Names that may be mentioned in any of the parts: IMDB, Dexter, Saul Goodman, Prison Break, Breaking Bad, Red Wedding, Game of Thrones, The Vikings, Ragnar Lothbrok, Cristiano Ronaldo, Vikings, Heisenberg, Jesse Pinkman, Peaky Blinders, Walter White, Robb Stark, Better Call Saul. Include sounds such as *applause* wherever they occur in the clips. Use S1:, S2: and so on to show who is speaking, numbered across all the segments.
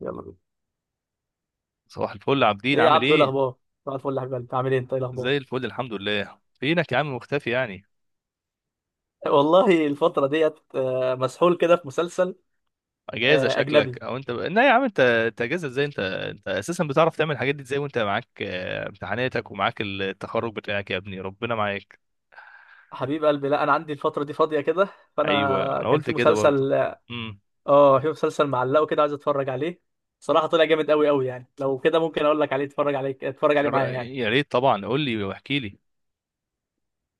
S1: يلا بينا.
S2: صباح الفل عابدين،
S1: ايه يا
S2: عامل
S1: عبدو؟ إيه
S2: ايه؟
S1: الاخبار؟ صباح الفل يا حبيب قلبي، عامل ايه؟ انت ايه
S2: زي
S1: الاخبار؟
S2: الفل، الحمد لله. فينك يا عم، مختفي يعني؟
S1: والله الفتره ديت، مسحول كده في مسلسل
S2: اجازه شكلك؟
S1: اجنبي.
S2: لا يا عم، انت اجازه ازاي؟ انت اساسا بتعرف تعمل الحاجات دي ازاي وانت معاك امتحاناتك ومعاك التخرج بتاعك يا ابني؟ ربنا معاك.
S1: حبيب قلبي، لا انا عندي الفتره دي فاضيه كده،
S2: ايوه
S1: فانا
S2: انا
S1: كان
S2: قلت
S1: في
S2: كده برضه.
S1: مسلسل،
S2: امم.
S1: اه في مسلسل معلقه كده عايز اتفرج عليه. صراحه طلع جامد قوي قوي. يعني لو كده ممكن اقول لك عليه، اتفرج عليه، اتفرج عليه معايا يعني.
S2: يا ريت طبعا، قول لي واحكي لي.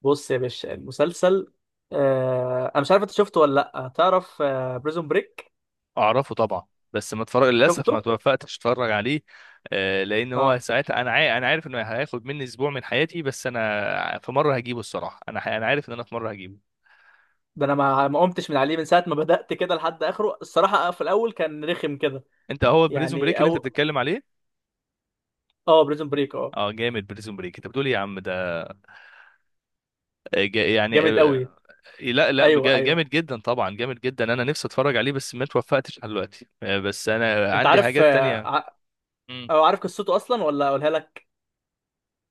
S1: بص يا باشا، المسلسل انا مش عارف انت شفته ولا لا، تعرف بريزون بريك؟
S2: اعرفه طبعا، بس ما اتفرج للاسف،
S1: شفته.
S2: ما توفقتش اتفرج عليه. لان هو
S1: اه،
S2: ساعتها انا عارف انه هياخد مني اسبوع من حياتي، بس انا في مره هجيبه الصراحه، انا عارف ان انا في مره هجيبه.
S1: ده انا ما قمتش من عليه من ساعه ما بدات كده لحد اخره الصراحه. في الاول كان رخم كده
S2: انت هو بريزون بريك
S1: يعني.
S2: اللي انت
S1: او
S2: بتتكلم عليه؟
S1: اه بريزون بريك، اه،
S2: اه جامد، بريزون بريك انت بتقول ايه يا عم ده! آه، جا- يعني
S1: جامد
S2: آه،
S1: قوي.
S2: لا لا،
S1: ايوه، ايوه.
S2: جامد جدا طبعا، جامد جدا، انا نفسي اتفرج عليه بس ما اتوفقتش لحد دلوقتي. بس انا
S1: انت
S2: عندي
S1: عارف
S2: حاجات تانية. مم.
S1: او عارف قصته اصلا ولا اقولها لك؟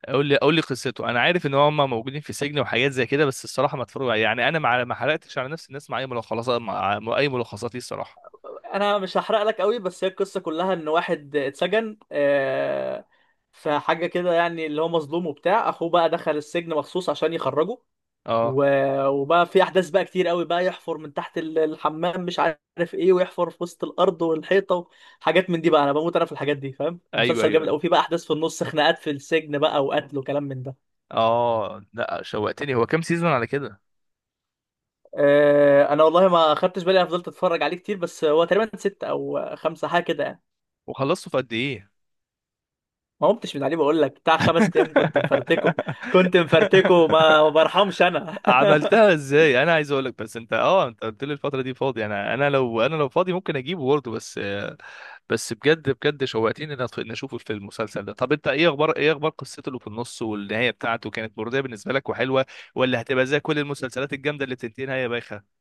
S2: قول لي قول لي قصته. انا عارف ان هم موجودين في سجن وحاجات زي كده، بس الصراحه ما اتفرج يعني، انا ما حرقتش على نفسي الناس مع اي ملخصات، مع اي ملخصات ليه الصراحه.
S1: انا مش هحرق لك قوي بس، هي القصه كلها ان واحد اتسجن، في حاجه كده يعني، اللي هو مظلوم وبتاع، اخوه بقى دخل السجن مخصوص عشان يخرجه.
S2: اه.
S1: وبقى في احداث بقى كتير قوي، بقى يحفر من تحت الحمام، مش عارف ايه، ويحفر في وسط الارض والحيطه. حاجات من دي بقى انا بموت انا في الحاجات دي، فاهم؟
S2: ايوه
S1: مسلسل
S2: ايوه.
S1: جامد قوي. في بقى احداث في النص، خناقات في السجن بقى، وقتل وكلام من ده.
S2: اه لا، شوقتني. هو كام سيزون على كده؟
S1: انا والله ما خدتش بالي، انا فضلت اتفرج عليه كتير، بس هو تقريبا 6 او 5 حاجه كده يعني.
S2: وخلصته في قد ايه؟
S1: ما قمتش من عليه بقول لك، بتاع 5 ايام كنت مفرتكه، كنت مفرتكه، ما برحمش
S2: *laughs*
S1: انا. *laughs*
S2: عملتها ازاي؟ انا عايز اقولك بس انت قلت لي الفتره دي فاضي، انا لو فاضي ممكن اجيبه برضه بس بجد بجد شوقتني ان اشوف في المسلسل ده. طب انت ايه اخبار، قصته اللي في النص والنهايه بتاعته كانت مرضيه بالنسبه لك وحلوه؟ ولا هتبقى زي كل المسلسلات الجامده اللي بتنتهي نهايه بايخه؟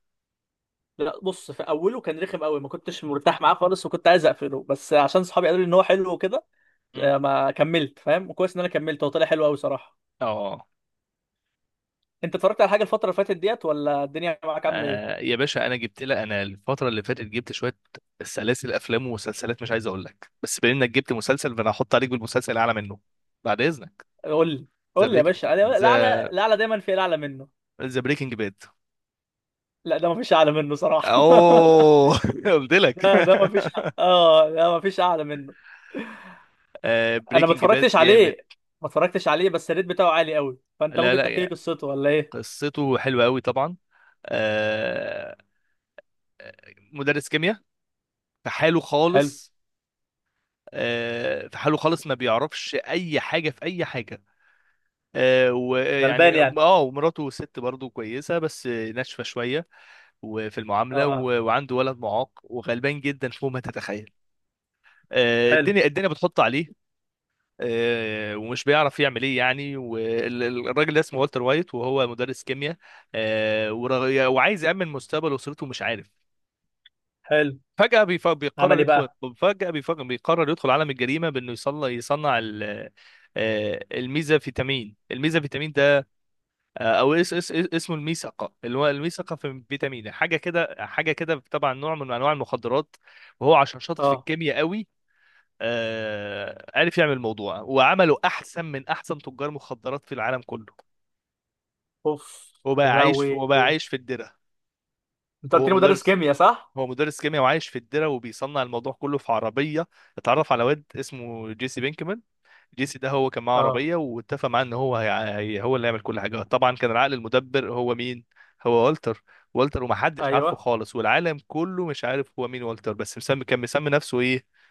S1: لا بص، في اوله كان رخم قوي، ما كنتش مرتاح معاه خالص، وكنت عايز اقفله، بس عشان صحابي قالوا لي ان هو حلو وكده،
S2: مم.
S1: ما كملت، فاهم؟ وكويس ان انا كملت، هو طلع حلو قوي صراحه.
S2: اه.
S1: انت اتفرجت على حاجه الفتره اللي فاتت ديت، ولا الدنيا معاك عامله ايه؟
S2: يا باشا، انا الفتره اللي فاتت جبت شويه سلاسل افلام ومسلسلات، مش عايز اقول لك، بس بما انك جبت مسلسل فانا هحط عليك بالمسلسل اعلى منه. بعد اذنك.
S1: قول لي،
S2: ذا
S1: قول لي يا
S2: بريك
S1: باشا.
S2: ذا
S1: الاعلى، الاعلى دايما في الاعلى منه.
S2: ذا بريكنج باد.
S1: لا ده ما فيش اعلى منه صراحه. *laughs*
S2: اوه *laughs* قلت لك
S1: ده
S2: *laughs*
S1: ده ما فيش، اه، ده ما فيش اعلى منه.
S2: آه
S1: انا ما
S2: بريكنج باد
S1: اتفرجتش
S2: جامد.
S1: عليه، ما اتفرجتش عليه، بس الريت بتاعه عالي قوي، فانت
S2: لا
S1: ممكن
S2: لا
S1: تحكي لي
S2: يا،
S1: قصته ولا ايه؟
S2: قصته حلوه قوي طبعا. آه. مدرس كيمياء في حاله
S1: حلو.
S2: خالص. في حاله خالص، ما بيعرفش اي حاجه في اي حاجه.
S1: غلبان
S2: ويعني
S1: يعني.
S2: ومراته ست برضه كويسه بس ناشفه شويه، وفي المعامله،
S1: اه.
S2: وعنده ولد معاق وغلبان جدا فوق ما تتخيل.
S1: حلو.
S2: الدنيا بتحط عليه. ومش بيعرف يعمل ايه يعني. والراجل ده اسمه والتر وايت، وهو مدرس كيمياء. وعايز يأمن مستقبل اسرته، مش عارف.
S1: حلو.
S2: فجأة بيف- بيقرر
S1: عمل ايه
S2: يدخل
S1: بقى؟
S2: بيقرر يدخل عالم الجريمة بأنه يصنع الميزا فيتامين. آه، او اس اس اس- اسمه الميثقه، اللي هو الميثقه في فيتامين، حاجه كده حاجه كده، طبعا نوع من انواع المخدرات. وهو عشان شاطر في
S1: اه.
S2: الكيمياء قوي، عرف يعمل الموضوع، وعمله احسن من احسن تجار مخدرات في العالم كله.
S1: اوف. يا لهوي،
S2: وبقى عايش في الدره.
S1: انت قلت
S2: هو
S1: لي مدرس
S2: مدرس
S1: كيمياء صح؟
S2: هو مدرس كيمياء، وعايش في الدره، وبيصنع الموضوع كله في عربيه. اتعرف على واد اسمه جيسي بينكمان. جيسي ده هو كان معاه
S1: اه.
S2: عربية، واتفق معاه ان هو هو اللي يعمل كل حاجة. طبعا كان العقل المدبر هو مين؟ هو والتر. والتر ومحدش عارفه
S1: ايوه.
S2: خالص، والعالم كله مش عارف هو مين والتر، بس مسمي نفسه ايه؟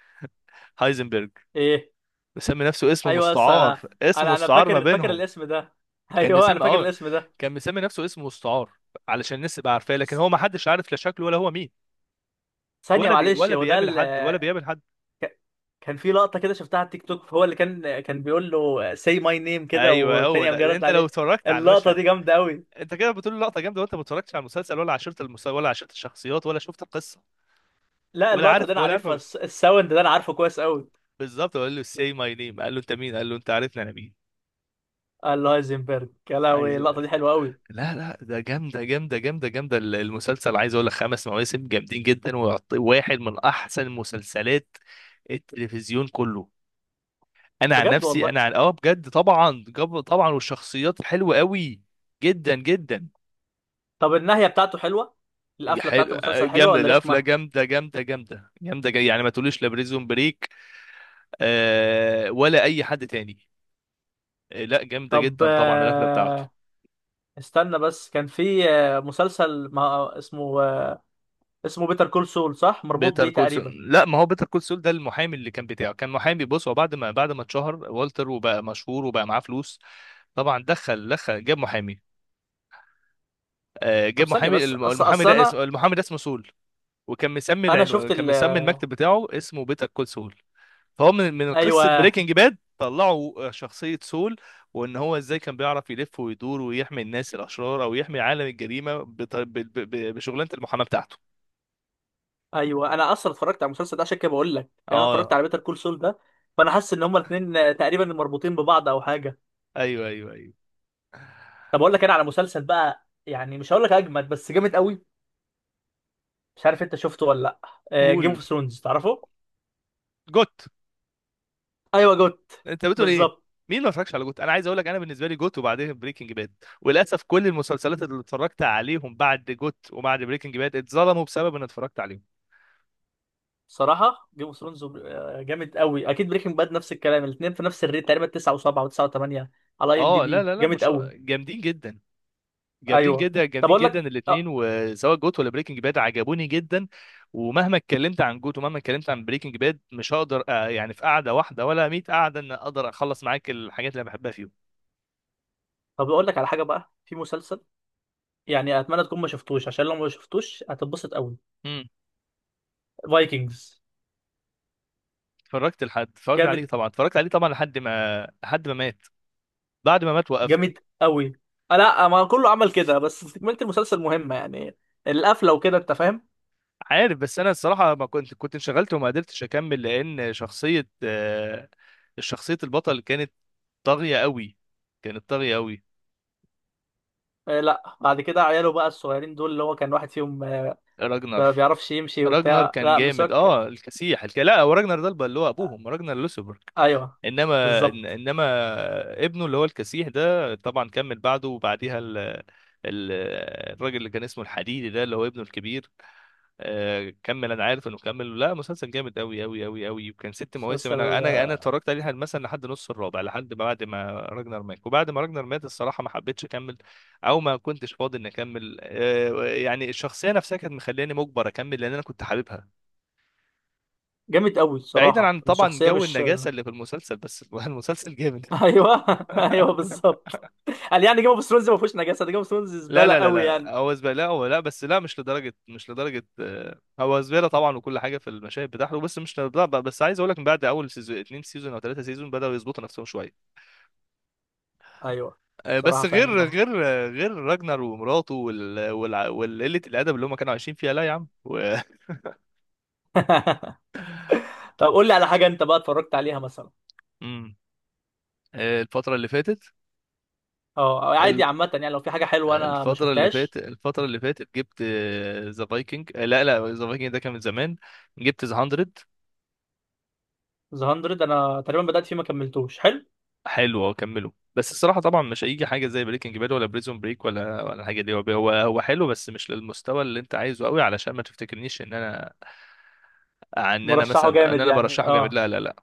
S2: هايزنبرج.
S1: ايه.
S2: مسمي نفسه اسم
S1: ايوه بس
S2: مستعار،
S1: انا،
S2: اسم
S1: انا
S2: مستعار ما
S1: فاكر
S2: بينهم.
S1: الاسم ده. *laughs*
S2: كان
S1: ايوه انا
S2: مسمي
S1: فاكر
S2: اه
S1: الاسم ده.
S2: كان مسمي نفسه اسم مستعار، علشان الناس تبقى عارفاه، لكن
S1: س-
S2: هو محدش عارف لا شكله ولا هو مين.
S1: ثانيه معلش،
S2: ولا
S1: هو ده
S2: بيقابل حد، ولا بيقابل حد.
S1: ك- كان في لقطه كده شفتها على التيك توك، هو اللي كان بيقول له say my name كده،
S2: ايوه هو
S1: والتاني قام جاي
S2: ده.
S1: رد
S2: انت لو
S1: عليه.
S2: اتفرجت على
S1: اللقطه
S2: المشهد،
S1: دي جامده قوي.
S2: انت كده بتقول لقطه جامده وانت ما اتفرجتش على المسلسل، ولا عشرت المسلسل، ولا عشرت الشخصيات، ولا شفت القصه،
S1: لا
S2: ولا
S1: اللقطه دي
S2: عارف
S1: انا
S2: ولا عارف.
S1: عارفها، الساوند ده انا عارفه كويس قوي.
S2: بالظبط، قال له سي ماي نيم، قال له انت مين؟ قال له انت عارفني انا مين.
S1: الهايزنبرج. يا لهوي
S2: عايز أقول-
S1: اللقطه دي حلوه قوي.
S2: لا لا، ده جامده جامده جامده جامده. المسلسل عايز اقول لك خمس مواسم جامدين جدا، ويعطي واحد من احسن مسلسلات التلفزيون كله. انا عن
S1: بجد
S2: نفسي،
S1: والله.
S2: انا عن اه بجد طبعا، طبعا والشخصيات حلوه قوي جدا جدا.
S1: طب النهايه بتاعته حلوه؟ القفله بتاعت
S2: حلو.
S1: المسلسل حلوه
S2: جامده
S1: ولا
S2: القفله،
S1: رخمه؟
S2: جامده جامده جامده جامده، جاي يعني، ما تقوليش لا بريزون بريك ولا اي حد تاني. لا جامده
S1: طب
S2: جدا طبعا القفله بتاعته.
S1: استنى بس، كان في مسلسل ما اسمه، اسمه بيتر كول سول، صح مربوط
S2: بيتر
S1: بيه
S2: كول
S1: تقريبا؟
S2: سول؟ لا، ما هو بيتر كول سول ده المحامي اللي كان بتاعه، كان محامي. بص، هو بعد ما اتشهر والتر وبقى مشهور وبقى معاه فلوس، طبعا دخل جاب محامي. جاب
S1: طب ثانيه
S2: محامي،
S1: بس، اصل
S2: المحامي
S1: اصل
S2: ده
S1: انا
S2: اسمه، سول.
S1: انا شفت
S2: كان
S1: ال،
S2: مسمي المكتب بتاعه اسمه بيتر كول سول. فهو من قصه
S1: ايوه،
S2: بريكنج باد طلعوا شخصيه سول، وان هو ازاي كان بيعرف يلف ويدور ويحمي الناس الاشرار او يحمي عالم الجريمه بشغلانه المحاماه بتاعته.
S1: ايوه، انا اصلا اتفرجت على المسلسل ده عشان كده بقول لك. يعني انا اتفرجت
S2: اه
S1: على بيتر كول سول ده، فانا حاسس ان هما الاثنين تقريبا مربوطين ببعض او حاجه.
S2: ايوه ايوه ايوه.
S1: طب اقول لك انا على مسلسل بقى، يعني مش هقول لك اجمد بس جامد قوي. مش عارف انت شفته ولا لا. جيم
S2: قول.
S1: اوف ثرونز، تعرفه؟
S2: جوت.
S1: ايوه، جوت.
S2: انت بتقول ايه؟
S1: بالظبط.
S2: مين ما اتفرجش على جوت! انا عايز اقول لك، انا بالنسبه لي جوت وبعدين بريكنج باد. وللاسف كل المسلسلات اللي اتفرجت عليهم بعد جوت وبعد بريكنج باد اتظلموا بسبب ان اتفرجت عليهم.
S1: صراحه جيم اوف ثرونز جامد قوي، اكيد، بريكنج باد نفس الكلام، الاثنين في نفس الريت تقريبا 9 و7 و9 و8 على اي ام دي
S2: اه لا
S1: بي،
S2: لا لا،
S1: جامد
S2: مش
S1: قوي.
S2: جامدين جدا، جامدين
S1: ايوه.
S2: جدا
S1: طب
S2: جامدين
S1: اقول
S2: جدا
S1: لك
S2: الاثنين، وسواء جوت ولا بريكنج باد عجبوني جدا. ومهما اتكلمت عن جوت ومهما اتكلمت عن بريكنج باد مش هقدر، يعني في قعده واحده ولا 100 قعده ان اقدر اخلص معاك الحاجات اللي أنا بحبها فيهم.
S1: طب اقول لك على حاجه بقى، في مسلسل يعني اتمنى تكون ما شفتوش، عشان لو ما شفتوش هتتبسط قوي.
S2: امم.
S1: فايكنجز.
S2: اتفرجت عليه
S1: جامد.
S2: طبعا، لحد ما مات. بعد ما مات وقفت.
S1: جامد قوي. لا ما كله عمل كده، بس تكمله المسلسل مهمه يعني. القفله وكده، انت فاهم.
S2: عارف، بس انا الصراحه ما كنت، كنت انشغلت وما قدرتش اكمل، لان شخصيه البطل كانت طاغيه قوي، كانت طاغيه قوي.
S1: لا بعد كده عياله بقى الصغيرين دول، اللي هو كان واحد فيهم
S2: راجنر.
S1: ما بيعرفش يمشي
S2: راجنر
S1: وبتاع،
S2: كان
S1: لا
S2: جامد
S1: مسواك.
S2: الكسيح، لا، هو راجنر ده اللي هو ابوهم راجنر لوسبرج.
S1: ايوه بالظبط.
S2: انما ابنه اللي هو الكسيح ده طبعا كمل بعده، وبعديها ال... الراجل اللي كان اسمه الحديدي ده اللي هو ابنه الكبير. كمل. انا عارف انه كمل. لا، مسلسل جامد قوي قوي قوي قوي، وكان ست مواسم. انا
S1: مسلسل
S2: انا انا اتفرجت عليه مثلا لحد نص الرابع، لحد ما بعد ما راجنر مات، وبعد ما راجنر مات الصراحه ما حبيتش اكمل، او ما كنتش فاضي اني اكمل. يعني الشخصيه نفسها كانت مخلياني مجبر اكمل، لان انا كنت حاببها.
S1: جامد قوي
S2: بعيدا
S1: الصراحه،
S2: عن طبعا
S1: الشخصيه
S2: جو
S1: مش.
S2: النجاسه اللي في المسلسل، بس *laughs* المسلسل جامد.
S1: *laughs* ايوه. *laughs* ايوه بالظبط. قال يعني جيم اوف ثرونز ما فيهوش نجاسه، ده جيم اوف ثرونز
S2: لا
S1: زباله
S2: لا لا
S1: قوي
S2: لا،
S1: يعني.
S2: هو زباله، لا هو، لا بس، لا مش لدرجه، مش لدرجه. هو زباله طبعا، وكل حاجه في المشاهد بتاعته، بس مش لدرجه. بس عايز اقول لك من بعد اول سيزون، اتنين سيزون او ثلاثه سيزون، بداوا يظبطوا نفسهم شويه.
S1: ايوه. صراحه
S2: بس
S1: فعلا اه.
S2: غير راجنر ومراته، والقله الادب اللي هم كانوا عايشين فيها، لا يا عم و...
S1: *laughs* طب قول لي على حاجه انت بقى اتفرجت عليها مثلا.
S2: *laughs* مم. الفتره اللي فاتت
S1: اه، أو عادي عامه، يعني لو في حاجه حلوه انا ما
S2: الفترة اللي
S1: شفتهاش.
S2: فاتت الفترة اللي فاتت جبت ذا فايكنج. لا لا، ذا فايكنج ده كان من زمان. جبت ذا 100.
S1: ذا 100 انا تقريبا بدات فيه ما كملتوش. حلو.
S2: حلو أهو، كمله بس الصراحة طبعا مش هيجي حاجة زي بريكنج باد ولا بريزون بريك، ولا الحاجة دي، هو حلو بس مش للمستوى اللي انت عايزه قوي، علشان ما تفتكرنيش ان انا ان انا
S1: مرشحه
S2: مثلا ان
S1: جامد
S2: انا
S1: يعني،
S2: برشحه جامد،
S1: اه.
S2: لا لا لا.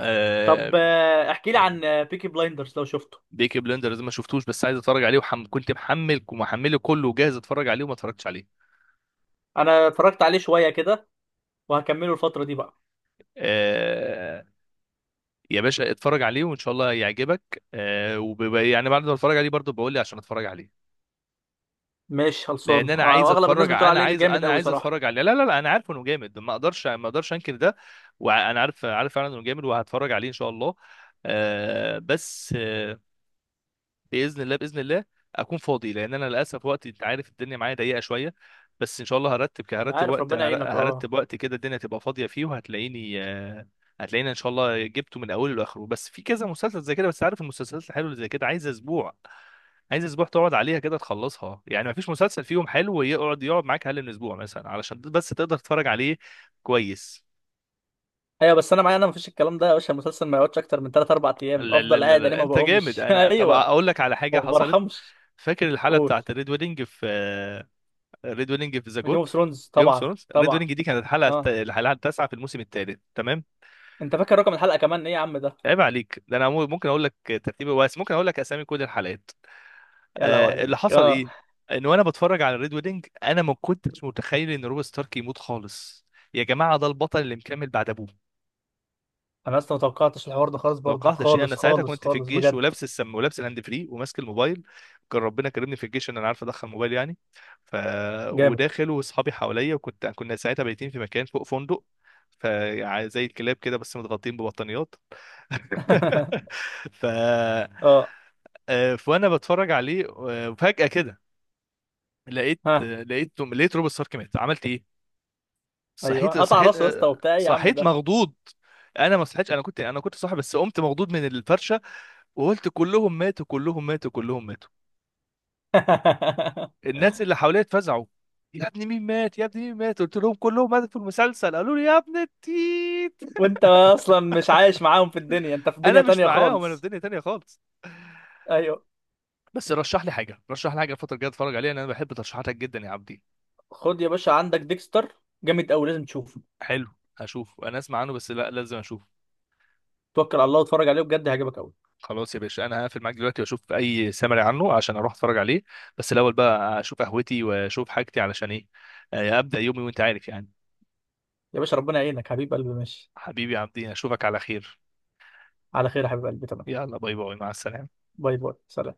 S2: آه،
S1: طب احكي لي عن بيكي بلايندرز لو شفته.
S2: بيكي بلندرز ما شفتوش، بس عايز اتفرج عليه. كنت محمل ومحمله كله وجاهز اتفرج عليه، وما اتفرجتش عليه.
S1: انا اتفرجت عليه شويه كده، وهكمله الفتره دي بقى.
S2: آه، يا باشا اتفرج عليه، وان شاء الله يعجبك. يعني بعد ما اتفرج عليه برضه بقول لي عشان اتفرج عليه،
S1: مش خلصان.
S2: لان انا عايز
S1: واغلب الناس بتقول عليه جامد قوي صراحه.
S2: اتفرج عليه. لا لا لا، انا عارف انه جامد، ما اقدرش ما اقدرش انكر ده. وانا عارف، عارف فعلا انه جامد، وهتفرج عليه ان شاء الله. بس باذن الله، باذن الله اكون فاضي، لان انا للاسف وقتي انت عارف الدنيا معايا ضيقه شويه. بس ان شاء الله هرتب ك-
S1: انا
S2: هرتب
S1: عارف،
S2: وقت
S1: ربنا
S2: هر-
S1: يعينك،
S2: هرتب
S1: اه.
S2: وقت كده الدنيا تبقى فاضيه فيه، وهتلاقيني. هتلاقيني ان شاء الله جبته من اوله لاخره. بس في كذا مسلسل زي كده، بس عارف المسلسلات الحلوه اللي زي كده عايزه اسبوع، عايزه اسبوع تقعد عليها كده تخلصها يعني، ما فيش مسلسل فيهم حلو يقعد معاك اقل من اسبوع مثلا علشان بس تقدر تتفرج عليه كويس.
S1: ايوه بس انا، معايا انا مفيش الكلام ده يا باشا، المسلسل ما يقعدش اكتر من 3 4 ايام،
S2: لا لا
S1: افضل
S2: لا
S1: قاعد انا
S2: لا،
S1: ما
S2: انت جامد.
S1: بقومش. *laughs*
S2: انا، طب
S1: ايوه،
S2: اقول لك على حاجه
S1: ما
S2: حصلت.
S1: برحمش.
S2: فاكر الحلقه
S1: قول.
S2: بتاعت الريد ويدنج في ريد ويدنج في ذا
S1: جيم اوف
S2: جوت؟
S1: ثرونز،
S2: جيم اوف
S1: طبعا،
S2: ثرونز، ريد
S1: طبعا.
S2: ويدنج دي كانت
S1: اه.
S2: الحلقه التاسعه في الموسم الثالث، تمام.
S1: انت فاكر رقم الحلقه كمان ايه يا عم ده؟
S2: عيب عليك، ده انا ممكن اقول لك ترتيبه، بس ممكن اقول لك اسامي كل الحلقات.
S1: يا لهوي
S2: آه، اللي
S1: عليك.
S2: حصل
S1: اه.
S2: ايه، ان وانا بتفرج على الريد ويدنج انا ما كنتش متخيل ان روب ستارك يموت خالص. يا جماعه ده البطل اللي مكمل بعد ابوه!
S1: انا اصلا ما توقعتش الحوار ده خالص، برضو
S2: توقعت شيء. انا
S1: خالص
S2: ساعتها
S1: خالص
S2: كنت في
S1: خالص
S2: الجيش،
S1: بجد.
S2: ولابس السم، ولابس الهاند فري، وماسك الموبايل. كان ربنا كرمني في الجيش ان انا عارف ادخل موبايل يعني. ف،
S1: جامد.
S2: وداخل واصحابي حواليا، وكنت، كنا ساعتها بايتين في مكان فوق فندق. ف يعني زي الكلاب كده، بس متغطين ببطانيات.
S1: *laughs*
S2: *laughs* ف
S1: اه.
S2: فانا بتفرج عليه، فجأة كده لقيت
S1: ها.
S2: آه، لقيت لقيت روب ستارك مات. عملت ايه؟
S1: ايوه قطع راسه يا اسطى، وبتاع ايه يا عم
S2: صحيت
S1: ده؟
S2: مخضوض. انا ما صحيتش، انا كنت صاحي، بس قمت مخضوض من الفرشه، وقلت كلهم ماتوا، كلهم ماتوا، كلهم ماتوا.
S1: *laughs*
S2: الناس اللي حواليا اتفزعوا، يا ابني مين مات، يا ابني مين مات، قلت لهم كلهم ماتوا في المسلسل، قالوا لي يا ابن التيت.
S1: وانت اصلا مش عايش معاهم في الدنيا، انت في
S2: انا
S1: دنيا
S2: مش
S1: تانية
S2: معاهم، انا في
S1: خالص.
S2: دنيا تانية خالص.
S1: ايوه.
S2: بس رشح لي حاجه، رشح لي حاجه الفتره الجايه اتفرج عليها، لان انا بحب ترشيحاتك جدا يا عبدي.
S1: خد يا باشا عندك ديكستر، جامد قوي لازم تشوفه.
S2: حلو. هشوف. انا اسمع عنه بس، لا لازم اشوف.
S1: توكل على الله واتفرج عليه بجد هيعجبك قوي.
S2: خلاص يا باشا، انا هقفل معاك دلوقتي واشوف اي سمري عنه عشان اروح اتفرج عليه، بس الاول بقى اشوف قهوتي واشوف حاجتي، علشان ايه؟ ابدا يومي، وانت عارف يعني.
S1: يا باشا ربنا يعينك حبيب قلبي، ماشي.
S2: حبيبي يا عبدي، اشوفك على خير.
S1: على خير يا حبيب قلبي، تمام.
S2: يلا باي باي، مع السلامة.
S1: باي باي، سلام.